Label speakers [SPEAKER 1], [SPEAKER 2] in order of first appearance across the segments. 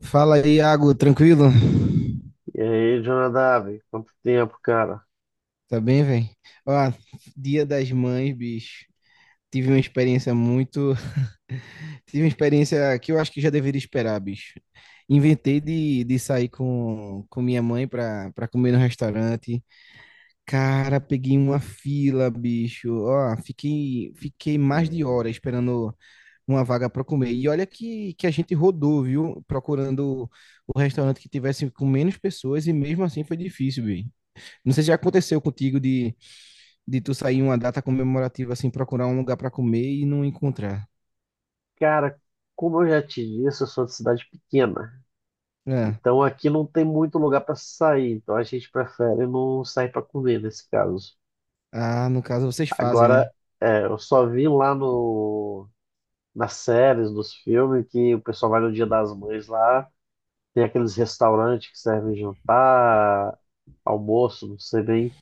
[SPEAKER 1] Fala aí, Iago, tranquilo?
[SPEAKER 2] E aí, Jonadab, quanto tempo, cara?
[SPEAKER 1] Tá bem, velho? Ó, Dia das Mães, bicho. Tive uma experiência muito. Tive uma experiência que eu acho que já deveria esperar, bicho. Inventei de sair com minha mãe pra comer no restaurante. Cara, peguei uma fila, bicho. Ó, fiquei mais de hora esperando uma vaga pra comer. E olha que a gente rodou, viu? Procurando o restaurante que tivesse com menos pessoas e mesmo assim foi difícil, bicho. Não sei se já aconteceu contigo de tu sair em uma data comemorativa, assim, procurar um lugar pra comer e não encontrar.
[SPEAKER 2] Cara, como eu já te disse, eu sou de cidade pequena.
[SPEAKER 1] É.
[SPEAKER 2] Então aqui não tem muito lugar para sair. Então a gente prefere não sair para comer nesse caso.
[SPEAKER 1] Ah, no caso vocês fazem,
[SPEAKER 2] Agora,
[SPEAKER 1] né?
[SPEAKER 2] eu só vi lá no, nas séries, nos filmes, que o pessoal vai no Dia das Mães lá. Tem aqueles restaurantes que servem jantar, almoço, não sei bem.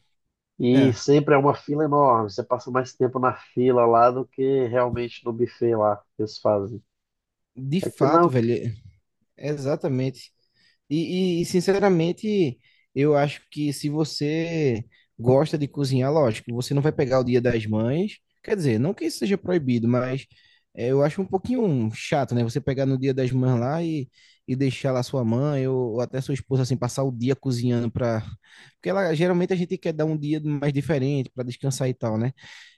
[SPEAKER 2] E
[SPEAKER 1] É.
[SPEAKER 2] sempre é uma fila enorme. Você passa mais tempo na fila lá do que realmente no buffet lá que eles fazem.
[SPEAKER 1] De
[SPEAKER 2] Aqui
[SPEAKER 1] fato,
[SPEAKER 2] não.
[SPEAKER 1] velho, exatamente. Sinceramente, eu acho que se você gosta de cozinhar, lógico, você não vai pegar o Dia das Mães. Quer dizer, não que isso seja proibido, mas eu acho um pouquinho chato, né? Você pegar no Dia das Mães lá e deixar lá sua mãe ou até sua esposa, assim, passar o dia cozinhando para. Porque ela, geralmente a gente quer dar um dia mais diferente para descansar e tal, né?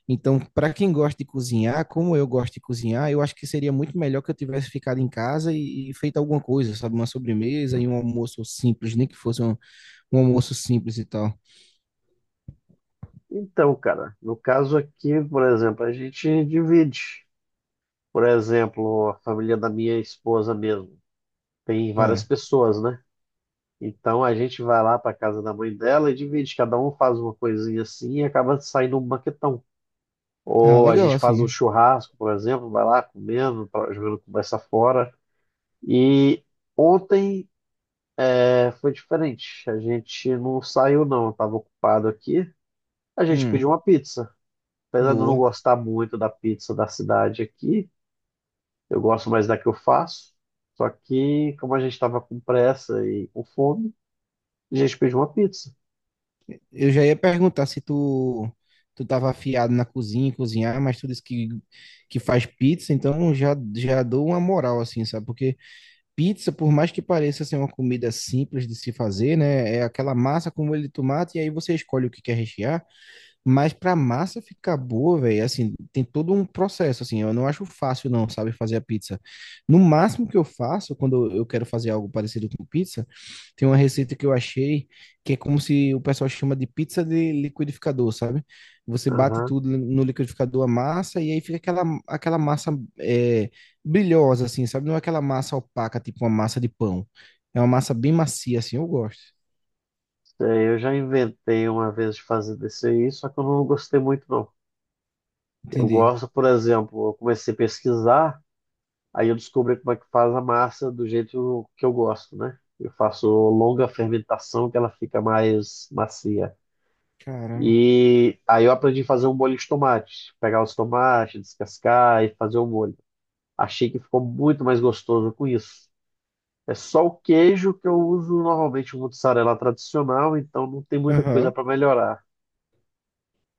[SPEAKER 1] Então, para quem gosta de cozinhar, como eu gosto de cozinhar, eu acho que seria muito melhor que eu tivesse ficado em casa e feito alguma coisa, sabe? Uma sobremesa e um almoço simples, nem que fosse um almoço simples e tal.
[SPEAKER 2] Então, cara, no caso aqui, por exemplo, a gente divide. Por exemplo, a família da minha esposa mesmo. Tem várias
[SPEAKER 1] É.
[SPEAKER 2] pessoas, né? Então a gente vai lá para casa da mãe dela e divide. Cada um faz uma coisinha assim e acaba saindo um banquetão.
[SPEAKER 1] Ah,
[SPEAKER 2] Ou a
[SPEAKER 1] legal,
[SPEAKER 2] gente faz um
[SPEAKER 1] assim.
[SPEAKER 2] churrasco, por exemplo, vai lá comendo, jogando conversa fora. E ontem foi diferente. A gente não saiu, não. Eu estava ocupado aqui. A gente
[SPEAKER 1] Hum,
[SPEAKER 2] pediu uma pizza. Apesar de eu não
[SPEAKER 1] boa.
[SPEAKER 2] gostar muito da pizza da cidade aqui, eu gosto mais da que eu faço. Só que, como a gente estava com pressa e com fome, a gente pediu uma pizza.
[SPEAKER 1] Eu já ia perguntar se tu tava afiado na cozinha, em cozinhar, mas tu disse que faz pizza, então já dou uma moral, assim, sabe? Porque pizza, por mais que pareça ser uma comida simples de se fazer, né? É aquela massa com molho de tomate e aí você escolhe o que quer rechear. Mas pra massa ficar boa, velho, assim, tem todo um processo, assim. Eu não acho fácil, não, sabe, fazer a pizza. No máximo que eu faço, quando eu quero fazer algo parecido com pizza, tem uma receita que eu achei que é como se o pessoal chama de pizza de liquidificador, sabe? Você bate
[SPEAKER 2] Aham.
[SPEAKER 1] tudo no liquidificador, a massa, e aí fica aquela massa é, brilhosa, assim, sabe? Não é aquela massa opaca, tipo uma massa de pão. É uma massa bem macia, assim, eu gosto.
[SPEAKER 2] É, eu já inventei uma vez de fazer desse aí, só que eu não gostei muito, não. Eu
[SPEAKER 1] Entendi.
[SPEAKER 2] gosto, por exemplo, eu comecei a pesquisar, aí eu descobri como é que faz a massa do jeito que eu gosto, né? Eu faço longa fermentação, que ela fica mais macia.
[SPEAKER 1] Caramba.
[SPEAKER 2] E aí eu aprendi a fazer um molho de tomate. Pegar os tomates, descascar e fazer o molho. Achei que ficou muito mais gostoso com isso. É só o queijo que eu uso normalmente o mozzarella tradicional, então não tem muita coisa
[SPEAKER 1] Aham.
[SPEAKER 2] para melhorar.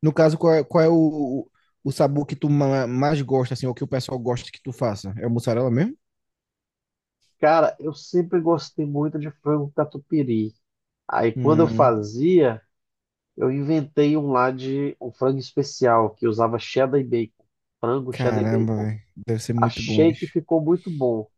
[SPEAKER 1] No caso, qual é o sabor que tu mais gosta, assim, ou que o pessoal gosta que tu faça? É o mussarela mesmo?
[SPEAKER 2] Cara, eu sempre gostei muito de frango catupiry. Aí quando eu
[SPEAKER 1] Hum,
[SPEAKER 2] fazia, eu inventei um lá de um frango especial que usava cheddar e bacon, frango cheddar e
[SPEAKER 1] caramba,
[SPEAKER 2] bacon.
[SPEAKER 1] velho. Deve ser muito bom,
[SPEAKER 2] Achei que
[SPEAKER 1] bicho.
[SPEAKER 2] ficou muito bom.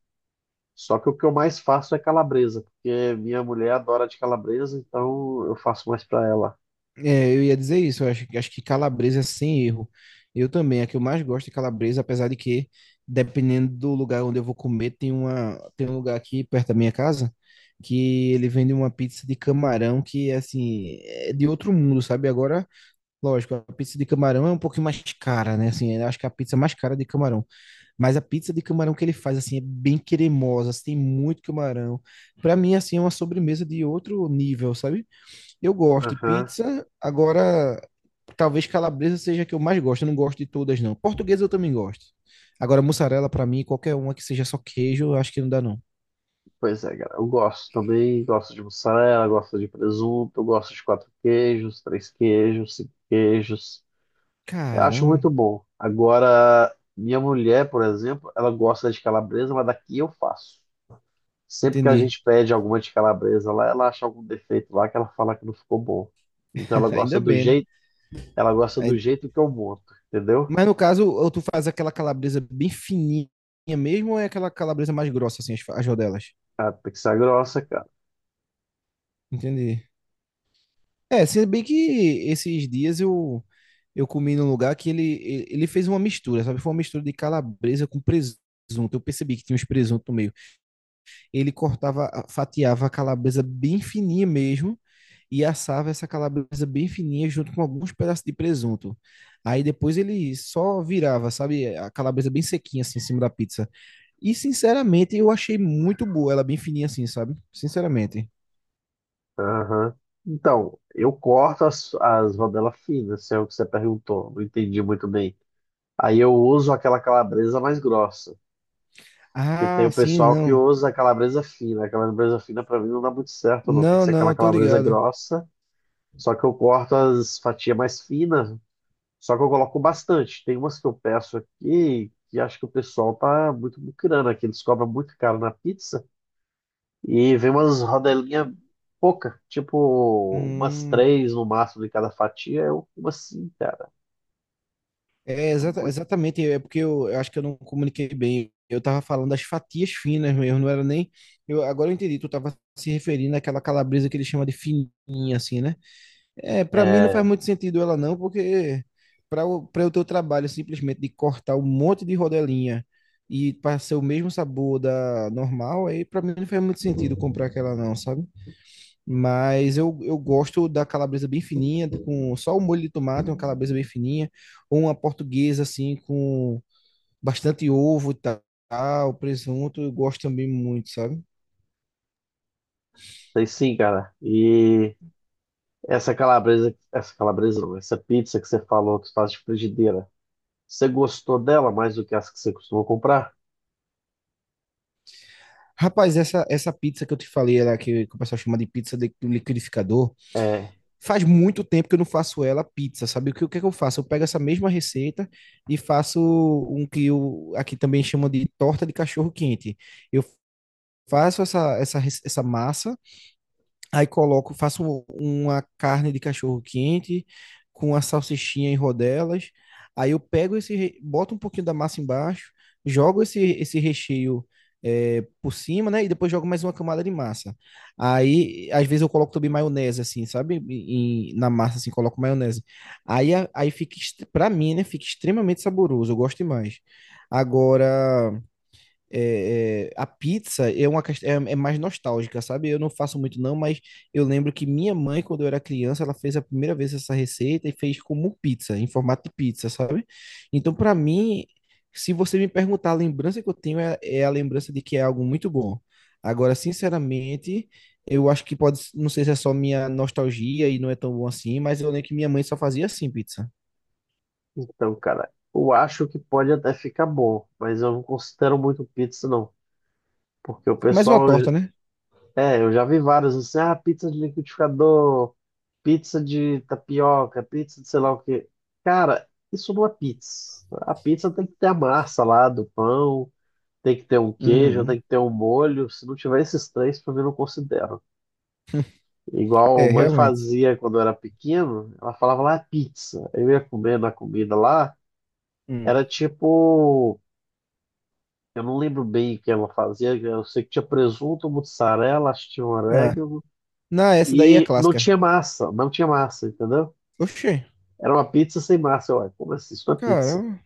[SPEAKER 2] Só que o que eu mais faço é calabresa, porque minha mulher adora de calabresa, então eu faço mais pra ela.
[SPEAKER 1] É, eu ia dizer isso, acho que calabresa é sem erro. Eu também, a que eu mais gosto é calabresa, apesar de que, dependendo do lugar onde eu vou comer, tem tem um lugar aqui perto da minha casa que ele vende uma pizza de camarão que, assim, é de outro mundo, sabe? Agora, lógico, a pizza de camarão é um pouquinho mais cara, né? Assim, eu acho que a pizza mais cara é de camarão. Mas a pizza de camarão que ele faz, assim, é bem cremosa, assim, tem muito camarão. Pra mim, assim, é uma sobremesa de outro nível, sabe? Eu gosto de
[SPEAKER 2] Aham.
[SPEAKER 1] pizza, agora talvez calabresa seja a que eu mais gosto. Eu não gosto de todas, não. Portuguesa eu também gosto. Agora, mussarela, pra mim, qualquer uma que seja só queijo, eu acho que não dá, não.
[SPEAKER 2] Pois é, cara. Eu gosto também, gosto de mussarela, gosto de presunto, gosto de quatro queijos, três queijos, cinco queijos. Eu acho
[SPEAKER 1] Caramba,
[SPEAKER 2] muito bom. Agora, minha mulher, por exemplo, ela gosta de calabresa, mas daqui eu faço. Sempre que a
[SPEAKER 1] entendi.
[SPEAKER 2] gente pede alguma de calabresa lá, ela acha algum defeito lá que ela fala que não ficou bom. Então
[SPEAKER 1] Ainda bem, né?
[SPEAKER 2] ela gosta do
[SPEAKER 1] Aí-
[SPEAKER 2] jeito que eu monto, entendeu?
[SPEAKER 1] mas no caso, ou tu faz aquela calabresa bem fininha mesmo, ou é aquela calabresa mais grossa, assim, as rodelas?
[SPEAKER 2] Ah, tem que ser grossa, cara.
[SPEAKER 1] Entendi. É, se bem que esses dias eu comi num lugar que ele fez uma mistura, sabe? Foi uma mistura de calabresa com presunto. Eu percebi que tinha uns presunto no meio. Ele cortava, fatiava a calabresa bem fininha mesmo e assava essa calabresa bem fininha junto com alguns pedaços de presunto. Aí depois ele só virava, sabe, a calabresa bem sequinha assim em cima da pizza. E sinceramente eu achei muito boa, ela bem fininha assim, sabe? Sinceramente.
[SPEAKER 2] Aham. Então, eu corto as rodelas finas, se é o que você perguntou. Não entendi muito bem. Aí eu uso aquela calabresa mais grossa. E tem
[SPEAKER 1] Ah,
[SPEAKER 2] o
[SPEAKER 1] sim,
[SPEAKER 2] pessoal que
[SPEAKER 1] não.
[SPEAKER 2] usa a calabresa fina. A calabresa fina pra mim não dá muito certo, não. Tem que
[SPEAKER 1] Não,
[SPEAKER 2] ser aquela
[SPEAKER 1] não, tô
[SPEAKER 2] calabresa
[SPEAKER 1] ligado.
[SPEAKER 2] grossa. Só que eu corto as fatias mais finas. Só que eu coloco bastante. Tem umas que eu peço aqui que acho que o pessoal tá muito muquirana, aqui. Eles cobram muito caro na pizza. E vem umas rodelinhas pouca, tipo umas
[SPEAKER 1] Hum,
[SPEAKER 2] três no máximo de cada fatia, é uma sim, cara. É muito.
[SPEAKER 1] exatamente, é porque eu acho que eu não comuniquei bem. Eu tava falando das fatias finas mesmo, não era nem. Agora eu entendi, tu tava se referindo àquela calabresa que ele chama de fininha, assim, né? É, para mim não
[SPEAKER 2] É,
[SPEAKER 1] faz muito sentido ela não, porque para o pra o teu trabalho simplesmente de cortar um monte de rodelinha e para ser o mesmo sabor da normal, aí para mim não faz muito sentido comprar aquela não, sabe? Mas eu gosto da calabresa bem fininha, com só o molho de tomate, uma calabresa bem fininha, ou uma portuguesa assim, com bastante ovo e tal, presunto, eu gosto também muito, sabe?
[SPEAKER 2] tem sim, cara. E essa calabresa não, essa pizza que você falou que faz de frigideira, você gostou dela mais do que as que você costuma comprar?
[SPEAKER 1] Rapaz, essa pizza que eu te falei, ela que o pessoal chama de pizza de do liquidificador,
[SPEAKER 2] É,
[SPEAKER 1] faz muito tempo que eu não faço ela pizza, sabe? O que é que eu faço? Eu pego essa mesma receita e faço um que eu, aqui também chama de torta de cachorro quente. Eu faço essa massa. Aí coloco, faço uma carne de cachorro quente com a salsichinha em rodelas. Aí eu pego boto um pouquinho da massa embaixo, jogo esse recheio por cima, né? E depois jogo mais uma camada de massa. Aí, às vezes eu coloco também maionese, assim, sabe? Na massa, assim, coloco maionese. Aí fica, pra mim, né? Fica extremamente saboroso. Eu gosto demais. Agora a pizza é uma é mais nostálgica, sabe? Eu não faço muito não, mas eu lembro que minha mãe, quando eu era criança, ela fez a primeira vez essa receita e fez como pizza, em formato de pizza, sabe? Então, para mim, se você me perguntar, a lembrança que eu tenho é a lembrança de que é algo muito bom. Agora, sinceramente, eu acho que pode, não sei se é só minha nostalgia e não é tão bom assim, mas eu lembro que minha mãe só fazia assim pizza.
[SPEAKER 2] então, cara, eu acho que pode até ficar bom, mas eu não considero muito pizza, não. Porque o
[SPEAKER 1] Mais uma
[SPEAKER 2] pessoal...
[SPEAKER 1] torta, né?
[SPEAKER 2] É, eu já vi vários, assim, ah, pizza de liquidificador, pizza de tapioca, pizza de sei lá o quê. Cara, isso não é pizza. A pizza tem que ter a massa lá do pão, tem que ter um queijo, tem
[SPEAKER 1] Uhum.
[SPEAKER 2] que ter um molho. Se não tiver esses três, pra mim, eu não considero. Igual a
[SPEAKER 1] É,
[SPEAKER 2] mãe
[SPEAKER 1] realmente.
[SPEAKER 2] fazia quando eu era pequeno, ela falava lá pizza. Eu ia comendo a comida lá,
[SPEAKER 1] Hum.
[SPEAKER 2] era tipo, eu não lembro bem o que ela fazia, eu sei que tinha presunto, mussarela, acho que tinha um
[SPEAKER 1] Ah,
[SPEAKER 2] orégano,
[SPEAKER 1] não, essa daí é
[SPEAKER 2] e não
[SPEAKER 1] clássica.
[SPEAKER 2] tinha massa, entendeu?
[SPEAKER 1] Oxê,
[SPEAKER 2] Era uma pizza sem massa. Eu... Ué, como assim? Isso não é pizza.
[SPEAKER 1] caramba.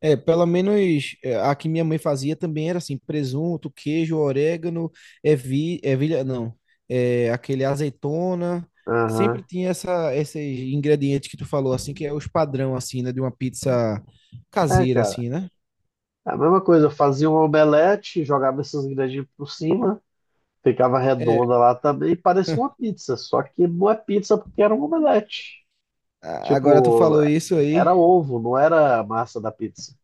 [SPEAKER 1] É, pelo menos é, a que minha mãe fazia também era assim, presunto, queijo, orégano, ervilha, não, é, aquele azeitona, sempre
[SPEAKER 2] Aham.
[SPEAKER 1] tinha esses ingredientes que tu falou, assim, que é os padrão, assim, né, de uma pizza
[SPEAKER 2] É,
[SPEAKER 1] caseira,
[SPEAKER 2] cara.
[SPEAKER 1] assim, né?
[SPEAKER 2] É a mesma coisa, eu fazia um omelete, jogava esses ingredientes por cima, ficava
[SPEAKER 1] É,
[SPEAKER 2] redonda lá também, e parecia uma pizza. Só que não é pizza porque era um omelete.
[SPEAKER 1] agora tu
[SPEAKER 2] Tipo,
[SPEAKER 1] falou isso aí,
[SPEAKER 2] era ovo, não era a massa da pizza.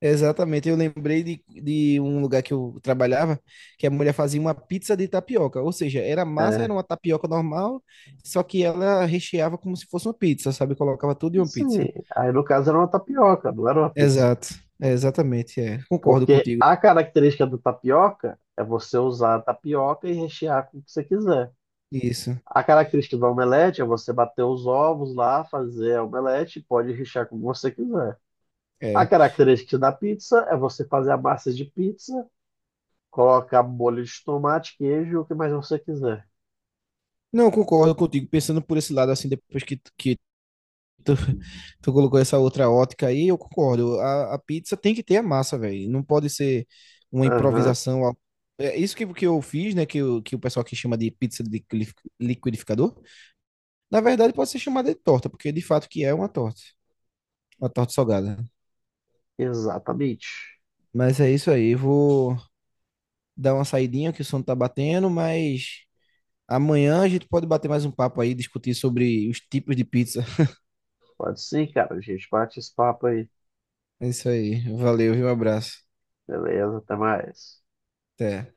[SPEAKER 1] exatamente, eu lembrei de um lugar que eu trabalhava, que a mulher fazia uma pizza de tapioca, ou seja, era massa, era
[SPEAKER 2] É,
[SPEAKER 1] uma tapioca normal, só que ela recheava como se fosse uma pizza, sabe? Colocava tudo em uma
[SPEAKER 2] sim.
[SPEAKER 1] pizza.
[SPEAKER 2] Aí no caso era uma tapioca, não era uma pizza.
[SPEAKER 1] Exato, é, exatamente, é. Concordo
[SPEAKER 2] Porque
[SPEAKER 1] contigo.
[SPEAKER 2] a característica do tapioca é você usar a tapioca e rechear com o que você quiser.
[SPEAKER 1] Isso,
[SPEAKER 2] A característica do omelete é você bater os ovos lá, fazer a omelete, pode rechear como você quiser. A
[SPEAKER 1] é.
[SPEAKER 2] característica da pizza é você fazer a massa de pizza, colocar molho de tomate, queijo, o que mais você quiser.
[SPEAKER 1] Não, concordo contigo, pensando por esse lado, assim, depois que Tu, tu colocou essa outra ótica aí, eu concordo. A pizza tem que ter a massa, velho. Não pode ser uma
[SPEAKER 2] Aham,
[SPEAKER 1] improvisação. É isso que eu fiz, né? Que o pessoal aqui chama de pizza de liquidificador. Na verdade, pode ser chamada de torta, porque de fato que é uma torta. Uma torta salgada.
[SPEAKER 2] exatamente.
[SPEAKER 1] Mas é isso aí. Vou dar uma saidinha que o sono tá batendo, mas amanhã a gente pode bater mais um papo aí, discutir sobre os tipos de pizza.
[SPEAKER 2] Pode sim, cara. A gente bate esse papo aí.
[SPEAKER 1] É isso aí. Valeu, viu? Um abraço.
[SPEAKER 2] Beleza, até mais.
[SPEAKER 1] Até.